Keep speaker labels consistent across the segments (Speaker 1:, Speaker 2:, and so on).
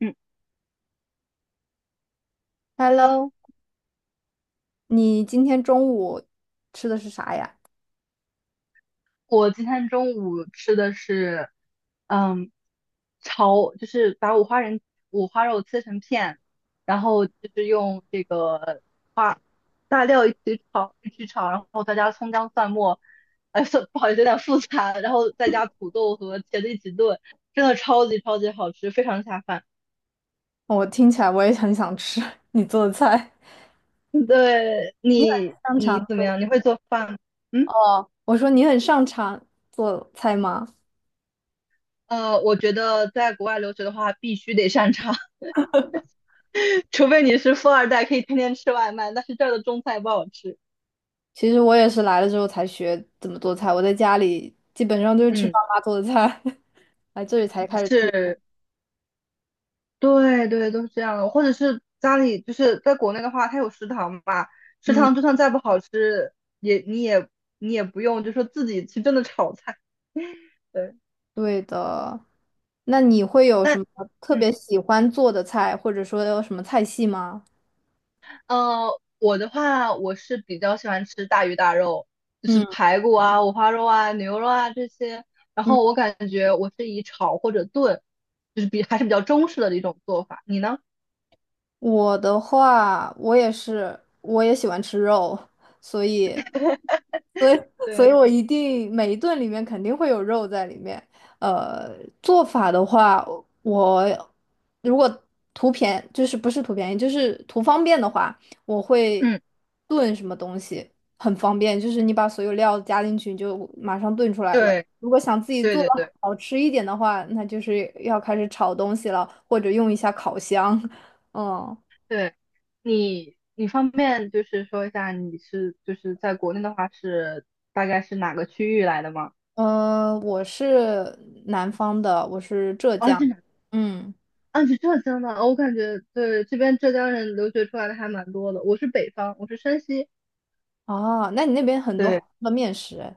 Speaker 1: 嗯
Speaker 2: Hello，
Speaker 1: ，Hello，
Speaker 2: 你今天中午吃的是啥呀？
Speaker 1: 我今天中午吃的是，嗯，炒就是把五花肉切成片，然后就是用这个花大料一起炒，然后再加葱姜蒜末。哎，不好意思，有点复杂，然后再加土豆和茄子一起炖，真的超级超级好吃，非常下饭。
Speaker 2: 我听起来我也很想吃 你做的菜。
Speaker 1: 对。
Speaker 2: 你
Speaker 1: 你
Speaker 2: 很擅长
Speaker 1: 你怎么
Speaker 2: 做
Speaker 1: 样？你会做饭吗？嗯。
Speaker 2: 哦，我说你很擅长做菜吗？
Speaker 1: 我觉得在国外留学的话，必须得擅长。除非你是富二代，可以天天吃外卖，但是这儿的中菜不好吃。
Speaker 2: 其实我也是来了之后才学怎么做菜，我在家里基本上都是吃
Speaker 1: 嗯。
Speaker 2: 爸妈做的菜，来这里才开始自己。
Speaker 1: 是。对对，都是这样的。或者是家里，就是在国内的话，它有食堂吧，食
Speaker 2: 嗯，
Speaker 1: 堂就算再不好吃，也你也你也不用，就说自己去真的炒菜。对。
Speaker 2: 对的。那你会有什
Speaker 1: 那
Speaker 2: 么特
Speaker 1: 嗯，
Speaker 2: 别喜欢做的菜，或者说有什么菜系吗？
Speaker 1: 我的话，我是比较喜欢吃大鱼大肉，就是
Speaker 2: 嗯
Speaker 1: 排骨啊、五花肉啊、牛肉啊这些。然
Speaker 2: 嗯。
Speaker 1: 后我感觉我是以炒或者炖，就是比还是比较中式的一种做法。你呢？
Speaker 2: 我的话，我也是，我也喜欢吃肉，所以，所以，所以
Speaker 1: 对，
Speaker 2: 我一定每一顿里面肯定会有肉在里面。呃，做法的话，我如果图便，就是不是图便宜，就是图方便的话，我会
Speaker 1: 嗯，
Speaker 2: 炖什么东西，很方便，就是你把所有料加进去，你就马上炖出来了。
Speaker 1: 对，
Speaker 2: 如果想自己
Speaker 1: 对
Speaker 2: 做的
Speaker 1: 对对
Speaker 2: 好吃一点的话，那就是要开始炒东西了，或者用一下烤箱。嗯，
Speaker 1: 对，你方便就是说一下，你是就是在国内的话是大概是哪个区域来的吗？
Speaker 2: 我是南方的，我是浙
Speaker 1: 哦，
Speaker 2: 江。
Speaker 1: 是哪？
Speaker 2: 嗯，
Speaker 1: 啊，是浙江的。哦，我感觉对这边浙江人留学出来的还蛮多的。我是北方，我是山西。
Speaker 2: 哦，那你那边很多好
Speaker 1: 对
Speaker 2: 吃的面食诶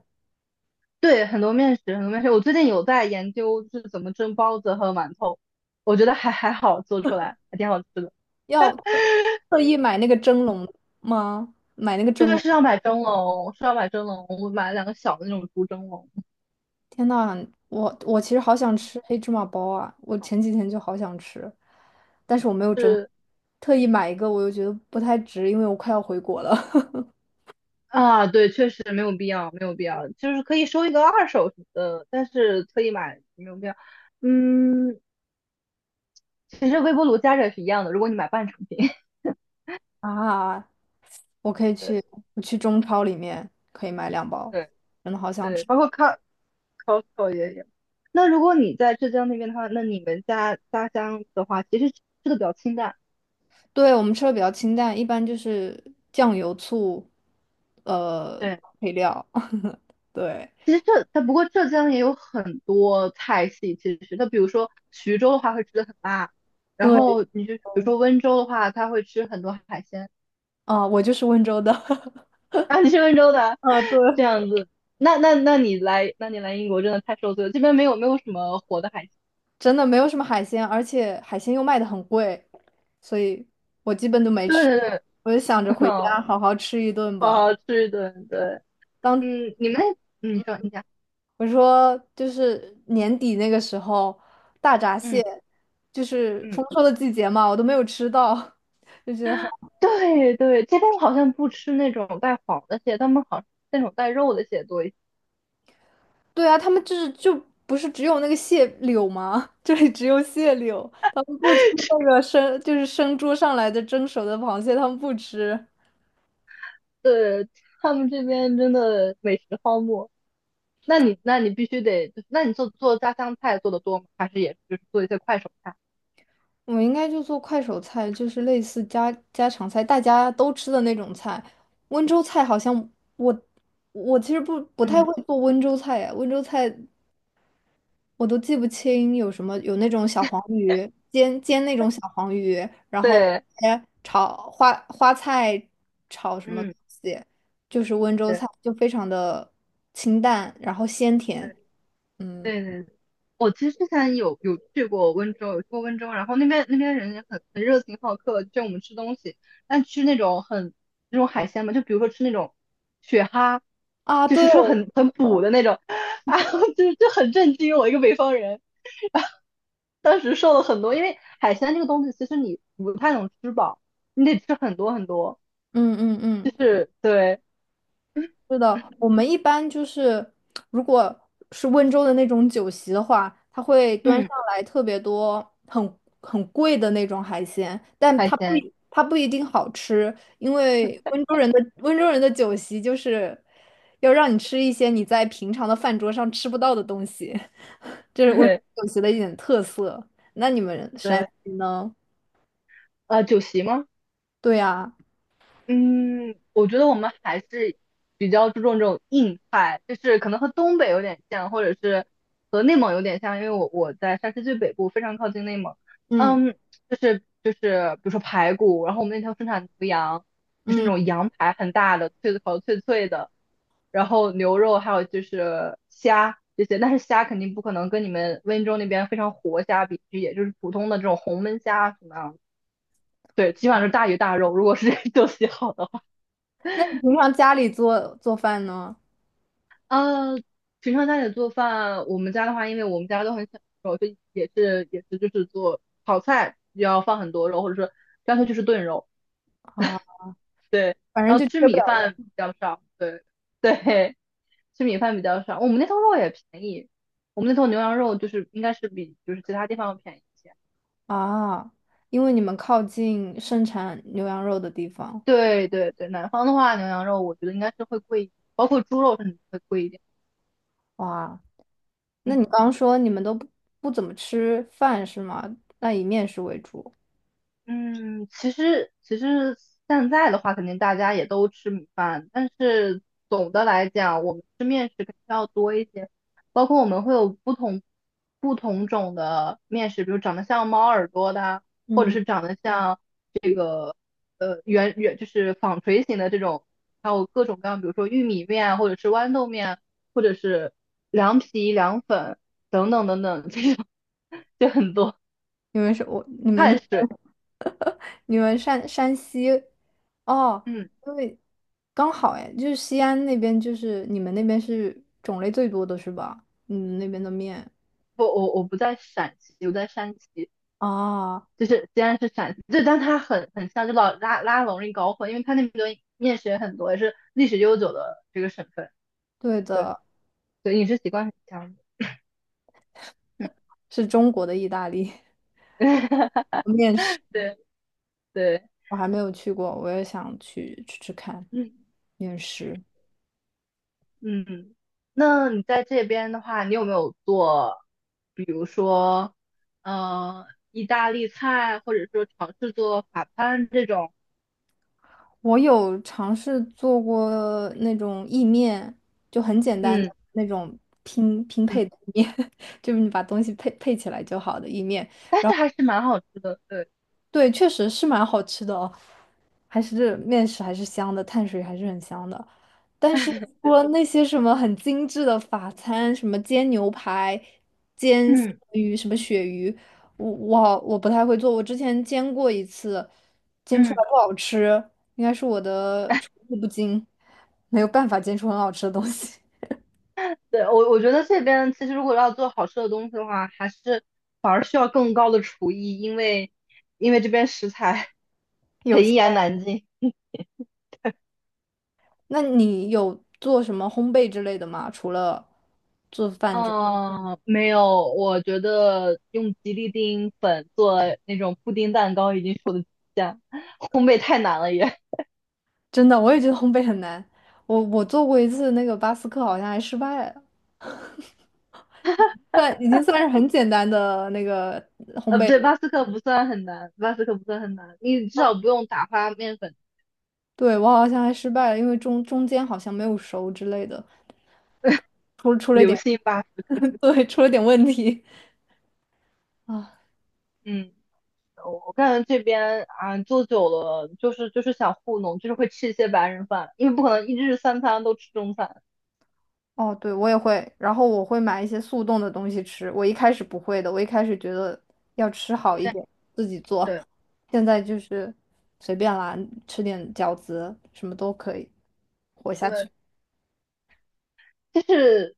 Speaker 1: 对，很多面食，很多面食。我最近有在研究就是怎么蒸包子和馒头，我觉得还好做出来，还挺好吃的。
Speaker 2: 要特意买那个蒸笼吗？买那个
Speaker 1: 这
Speaker 2: 蒸
Speaker 1: 个
Speaker 2: 笼？
Speaker 1: 是要买蒸笼，是要买蒸笼，我买了两个小的那种竹蒸笼。
Speaker 2: 天呐，我其实好想吃黑芝麻包啊！我前几天就好想吃，但是我没有蒸，
Speaker 1: 是。
Speaker 2: 特意买一个，我又觉得不太值，因为我快要回国了。
Speaker 1: 啊，对，确实没有必要，没有必要，就是可以收一个二手什么的，但是特意买没有必要。嗯，其实微波炉加热也是一样的，如果你买半成品。
Speaker 2: 啊，我可以
Speaker 1: 对
Speaker 2: 去，我去中超里面可以买两包，
Speaker 1: 对
Speaker 2: 真的好想
Speaker 1: 对，
Speaker 2: 吃。
Speaker 1: 包括 Costco 也有。那如果你在浙江那边的话，那你们家乡的话，其实吃的比较清淡。
Speaker 2: 对，我们吃的比较清淡，一般就是酱油、醋，呃，
Speaker 1: 对，
Speaker 2: 配料。对
Speaker 1: 其实但不过浙江也有很多菜系，其实那比如说徐州的话会吃的很辣，然
Speaker 2: 对，
Speaker 1: 后你就比如说温州的话，他会吃很多海鲜。
Speaker 2: 啊、我就是温州的，
Speaker 1: 啊，你是温州的？
Speaker 2: 啊，对，
Speaker 1: 这样子，那你来英国真的太受罪了。这边没有什么活的海鲜，
Speaker 2: 真的没有什么海鲜，而且海鲜又卖的很贵，所以我基本都没
Speaker 1: 对
Speaker 2: 吃。
Speaker 1: 对对。
Speaker 2: 我就想着 回
Speaker 1: 好，
Speaker 2: 家好好吃一顿
Speaker 1: 好
Speaker 2: 吧。
Speaker 1: 好吃一顿，对。
Speaker 2: 当
Speaker 1: 嗯，你们那，嗯你说你讲。
Speaker 2: 我说就是年底那个时候，大闸
Speaker 1: 嗯
Speaker 2: 蟹就是
Speaker 1: 嗯。
Speaker 2: 丰收的季节嘛，我都没有吃到，就觉得。好。
Speaker 1: 对对，这边好像不吃那种带黄的蟹，他们好像那种带肉的蟹多一些。
Speaker 2: 对啊，他们就是不是只有那个蟹柳吗？这里只有蟹柳，他们不吃那个生，就是生捉上来的蒸熟的螃蟹，他们不吃。
Speaker 1: 对，他们这边真的美食荒漠。那你必须得，那你做做家乡菜做的多吗？还是也就是做一些快手菜？
Speaker 2: 我应该就做快手菜，就是类似家家常菜，大家都吃的那种菜。温州菜好像我我其实不太
Speaker 1: 嗯，
Speaker 2: 会做温州菜呀，温州菜我都记不清有什么，有那种小黄鱼，煎那种小黄鱼，然后
Speaker 1: 对，
Speaker 2: 哎炒花菜炒什么东
Speaker 1: 嗯，
Speaker 2: 西，就是温州菜，
Speaker 1: 对
Speaker 2: 就非常的清淡，然后鲜甜。
Speaker 1: 对。
Speaker 2: 嗯
Speaker 1: 对对，我其实之前有去过温州，有去过温州，然后那边人也很热情好客，就我们吃东西，但吃那种很那种海鲜嘛，就比如说吃那种雪蛤，
Speaker 2: 啊，
Speaker 1: 就
Speaker 2: 对，
Speaker 1: 是说很补的那种。啊，就很震惊，我一个北方人，当时瘦了很多，因为海鲜这个东西其实你不太能吃饱，你得吃很多很多，
Speaker 2: 嗯嗯
Speaker 1: 就
Speaker 2: 嗯，
Speaker 1: 是对，
Speaker 2: 是的，我们一般就是，如果是温州的那种酒席的话，它会端
Speaker 1: 嗯，
Speaker 2: 上来特别多很贵的那种海鲜，但
Speaker 1: 海鲜。
Speaker 2: 它不一定好吃，因为温州人的酒席就是要让你吃一些你在平常的饭桌上吃不到的东西，这是 温州
Speaker 1: 对
Speaker 2: 酒席的一点特色。那你们山
Speaker 1: 对。
Speaker 2: 西呢？
Speaker 1: 酒席吗？
Speaker 2: 对呀，
Speaker 1: 嗯，我觉得我们还是比较注重这种硬派，就是可能和东北有点像，或者是和内蒙有点像，因为我在山西最北部，非常靠近内蒙。
Speaker 2: 嗯
Speaker 1: 嗯，就是比如说排骨，然后我们那条生产牛羊，就是那
Speaker 2: 嗯，
Speaker 1: 种羊排很大的，脆的烤的脆脆的，然后牛肉还有就是虾这些，但是虾肯定不可能跟你们温州那边非常活虾比，也就是普通的这种红焖虾什么样的。对，基本上是大鱼大肉，如果是 这种喜好的话。
Speaker 2: 那你平常家里做饭呢？
Speaker 1: 呃，平常家里做饭，我们家的话，因为我们家都很小肉，就也是就是做炒菜要放很多肉，或者说干脆就是炖肉。
Speaker 2: 啊，
Speaker 1: 对。
Speaker 2: 反正
Speaker 1: 然
Speaker 2: 就
Speaker 1: 后吃
Speaker 2: 缺不
Speaker 1: 米
Speaker 2: 了。
Speaker 1: 饭比较少，对 对，吃米饭比较少。我们那头肉也便宜，我们那头牛羊肉就是应该是比就是其他地方要便宜一些。
Speaker 2: 啊，因为你们靠近盛产牛羊肉的地方，
Speaker 1: 对对对，南方的话，牛羊肉我觉得应该是会贵一点，包括猪肉甚至会贵一点。
Speaker 2: 哇，那
Speaker 1: 嗯。
Speaker 2: 你刚说你们都不怎么吃饭是吗？那以面食为主。
Speaker 1: 嗯，其实现在的话，肯定大家也都吃米饭，但是总的来讲，我们吃面食肯定要多一些，包括我们会有不同种的面食，比如长得像猫耳朵的啊，或者
Speaker 2: 嗯，
Speaker 1: 是长得像圆圆就是纺锤形的这种，还有各种各样，比如说玉米面啊或者是豌豆面啊或者是凉皮、凉粉等等等等，这种 就很多
Speaker 2: 你们是我，你们这
Speaker 1: 碳水。
Speaker 2: 你们山西，哦，
Speaker 1: 嗯。
Speaker 2: 因为刚好哎，就是西安那边，就是你们那边是种类最多的是吧？你们那边的面
Speaker 1: 不，我不在陕西，我在山西，
Speaker 2: 啊，
Speaker 1: 就是虽然是陕西，就但它很像，就老拉拉拢一搞混，因为它那边面食也很多，也是历史悠久的这个省份。
Speaker 2: 对
Speaker 1: 对。
Speaker 2: 的，
Speaker 1: 对，饮食习惯很像的。嗯。
Speaker 2: 是中国的意大利 面食，
Speaker 1: 对对。
Speaker 2: 我还没有去过，我也想去吃吃看
Speaker 1: 嗯
Speaker 2: 面食。
Speaker 1: 嗯，那你在这边的话，你有没有做，比如说，呃，意大利菜，或者说尝试做法餐这种？
Speaker 2: 我有尝试做过那种意面，就很简单的
Speaker 1: 嗯
Speaker 2: 那种拼
Speaker 1: 嗯，
Speaker 2: 配的意面，就是你把东西配起来就好的意面。
Speaker 1: 但是还是蛮好吃的，对。
Speaker 2: 对，确实是蛮好吃的哦，还是面食还是香的，碳水还是很香的。但是 除了那些什么很精致的法餐，什么煎牛排、煎三
Speaker 1: 嗯
Speaker 2: 文鱼、什么鳕鱼，我不太会做。我之前煎过一次，煎出来
Speaker 1: 嗯。
Speaker 2: 不好吃，应该是我的厨艺不精，没有办法煎出很好吃的东西。
Speaker 1: 对，我觉得这边其实如果要做好吃的东西的话，还是反而需要更高的厨艺，因为这边食材
Speaker 2: 有些，那你有做什么烘焙之类的吗？除了做 饭之外
Speaker 1: 嗯，没有，我觉得用吉利丁粉做那种布丁蛋糕已经是我的极限，烘焙太难了也。
Speaker 2: 真的，我也觉得烘焙很难。我做过一次那个巴斯克，好像还失败了，算已经算是很简单的那个。
Speaker 1: 不对，巴斯克不算很难，巴斯克不算很难，你至少不用打发面粉，
Speaker 2: 对，我好像还失败了，因为中间好像没有熟之类的，出了一
Speaker 1: 流
Speaker 2: 点，
Speaker 1: 心巴斯克。
Speaker 2: 对，出了点问题啊。
Speaker 1: 嗯，我感觉这边啊做久了，就是想糊弄，就是会吃一些白人饭，因为不可能一日三餐都吃中餐，
Speaker 2: 哦，对，我也会，然后我会买一些速冻的东西吃。我一开始不会的，我一开始觉得要吃好一点，自己做，
Speaker 1: 对
Speaker 2: 现在就是随便啦，吃点饺子什么都可以活下去。
Speaker 1: 对，就是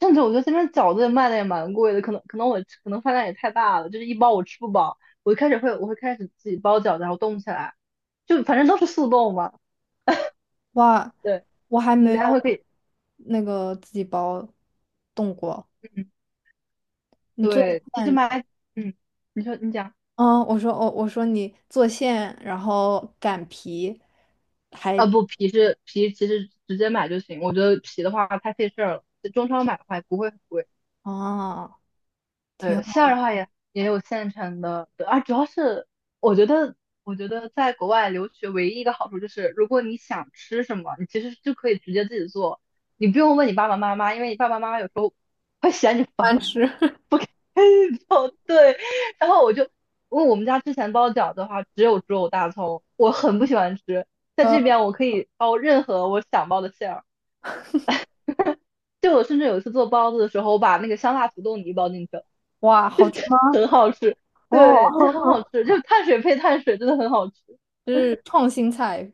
Speaker 1: 甚至我觉得这边饺子也卖的也蛮贵的，可能我可能饭量也太大了，就是一包我吃不饱，我一开始会我会开始自己包饺子，然后冻起来，就反正都是速冻嘛。
Speaker 2: 哇，
Speaker 1: 对，
Speaker 2: 我还没
Speaker 1: 你
Speaker 2: 有
Speaker 1: 还会可以，
Speaker 2: 那个自己包动过。
Speaker 1: 嗯，
Speaker 2: 你做
Speaker 1: 对，其实
Speaker 2: 馅，
Speaker 1: 买，嗯，你说你讲。
Speaker 2: 我说你做馅，然后擀皮，还
Speaker 1: 不，皮是皮，其实直接买就行。我觉得皮的话太费事儿了，中超买的话也不会很贵。
Speaker 2: 啊，挺
Speaker 1: 对，
Speaker 2: 好
Speaker 1: 馅儿的话也有现成的，对啊，主要是我觉得，在国外留学唯一一个好处就是，如果你想吃什么，你其实就可以直接自己做，你不用问你爸爸妈妈，因为你爸爸妈妈有时候会嫌你烦，
Speaker 2: 难吃。
Speaker 1: 不给你做。对，然后因为我们家之前包饺子的话，只有猪肉大葱，我很不喜欢吃，在这
Speaker 2: 呃，
Speaker 1: 边我可以包任何我想包的馅儿。就我甚至有一次做包子的时候，我把那个香辣土豆泥包进去了，
Speaker 2: 哇，好吃吗？
Speaker 1: 很好吃。
Speaker 2: 哦，
Speaker 1: 对，这很 好吃，就碳水配碳水，真的很好吃。
Speaker 2: 这是创新菜，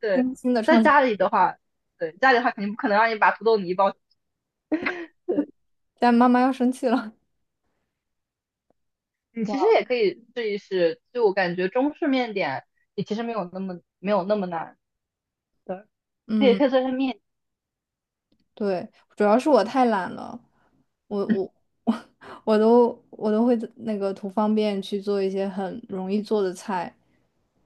Speaker 1: 对，
Speaker 2: 新新的
Speaker 1: 在
Speaker 2: 创新。
Speaker 1: 家里的话，对，家里的话肯定不可能让你把土豆泥包。对，
Speaker 2: 但妈妈要生气了。
Speaker 1: 你其实
Speaker 2: 哇，
Speaker 1: 也可以试一试，就我感觉中式面点也其实没有那么难。对，它也
Speaker 2: 嗯。
Speaker 1: 可以做成面。
Speaker 2: 对，主要是我太懒了，我 我我都会那个图方便去做一些很容易做的菜，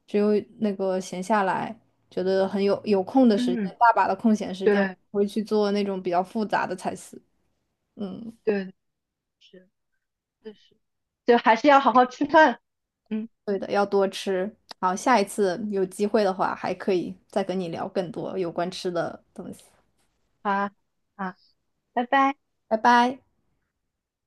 Speaker 2: 只有那个闲下来，觉得很有空的时
Speaker 1: 嗯。
Speaker 2: 间，
Speaker 1: 嗯，
Speaker 2: 大把的空闲时间，
Speaker 1: 对
Speaker 2: 我会去做那种比较复杂的菜式。嗯，
Speaker 1: 对，是。就是，就还是要好好吃饭。嗯，
Speaker 2: 对的，要多吃。好，下一次有机会的话，还可以再跟你聊更多有关吃的东西。
Speaker 1: 好啊，好，拜拜。
Speaker 2: 拜拜。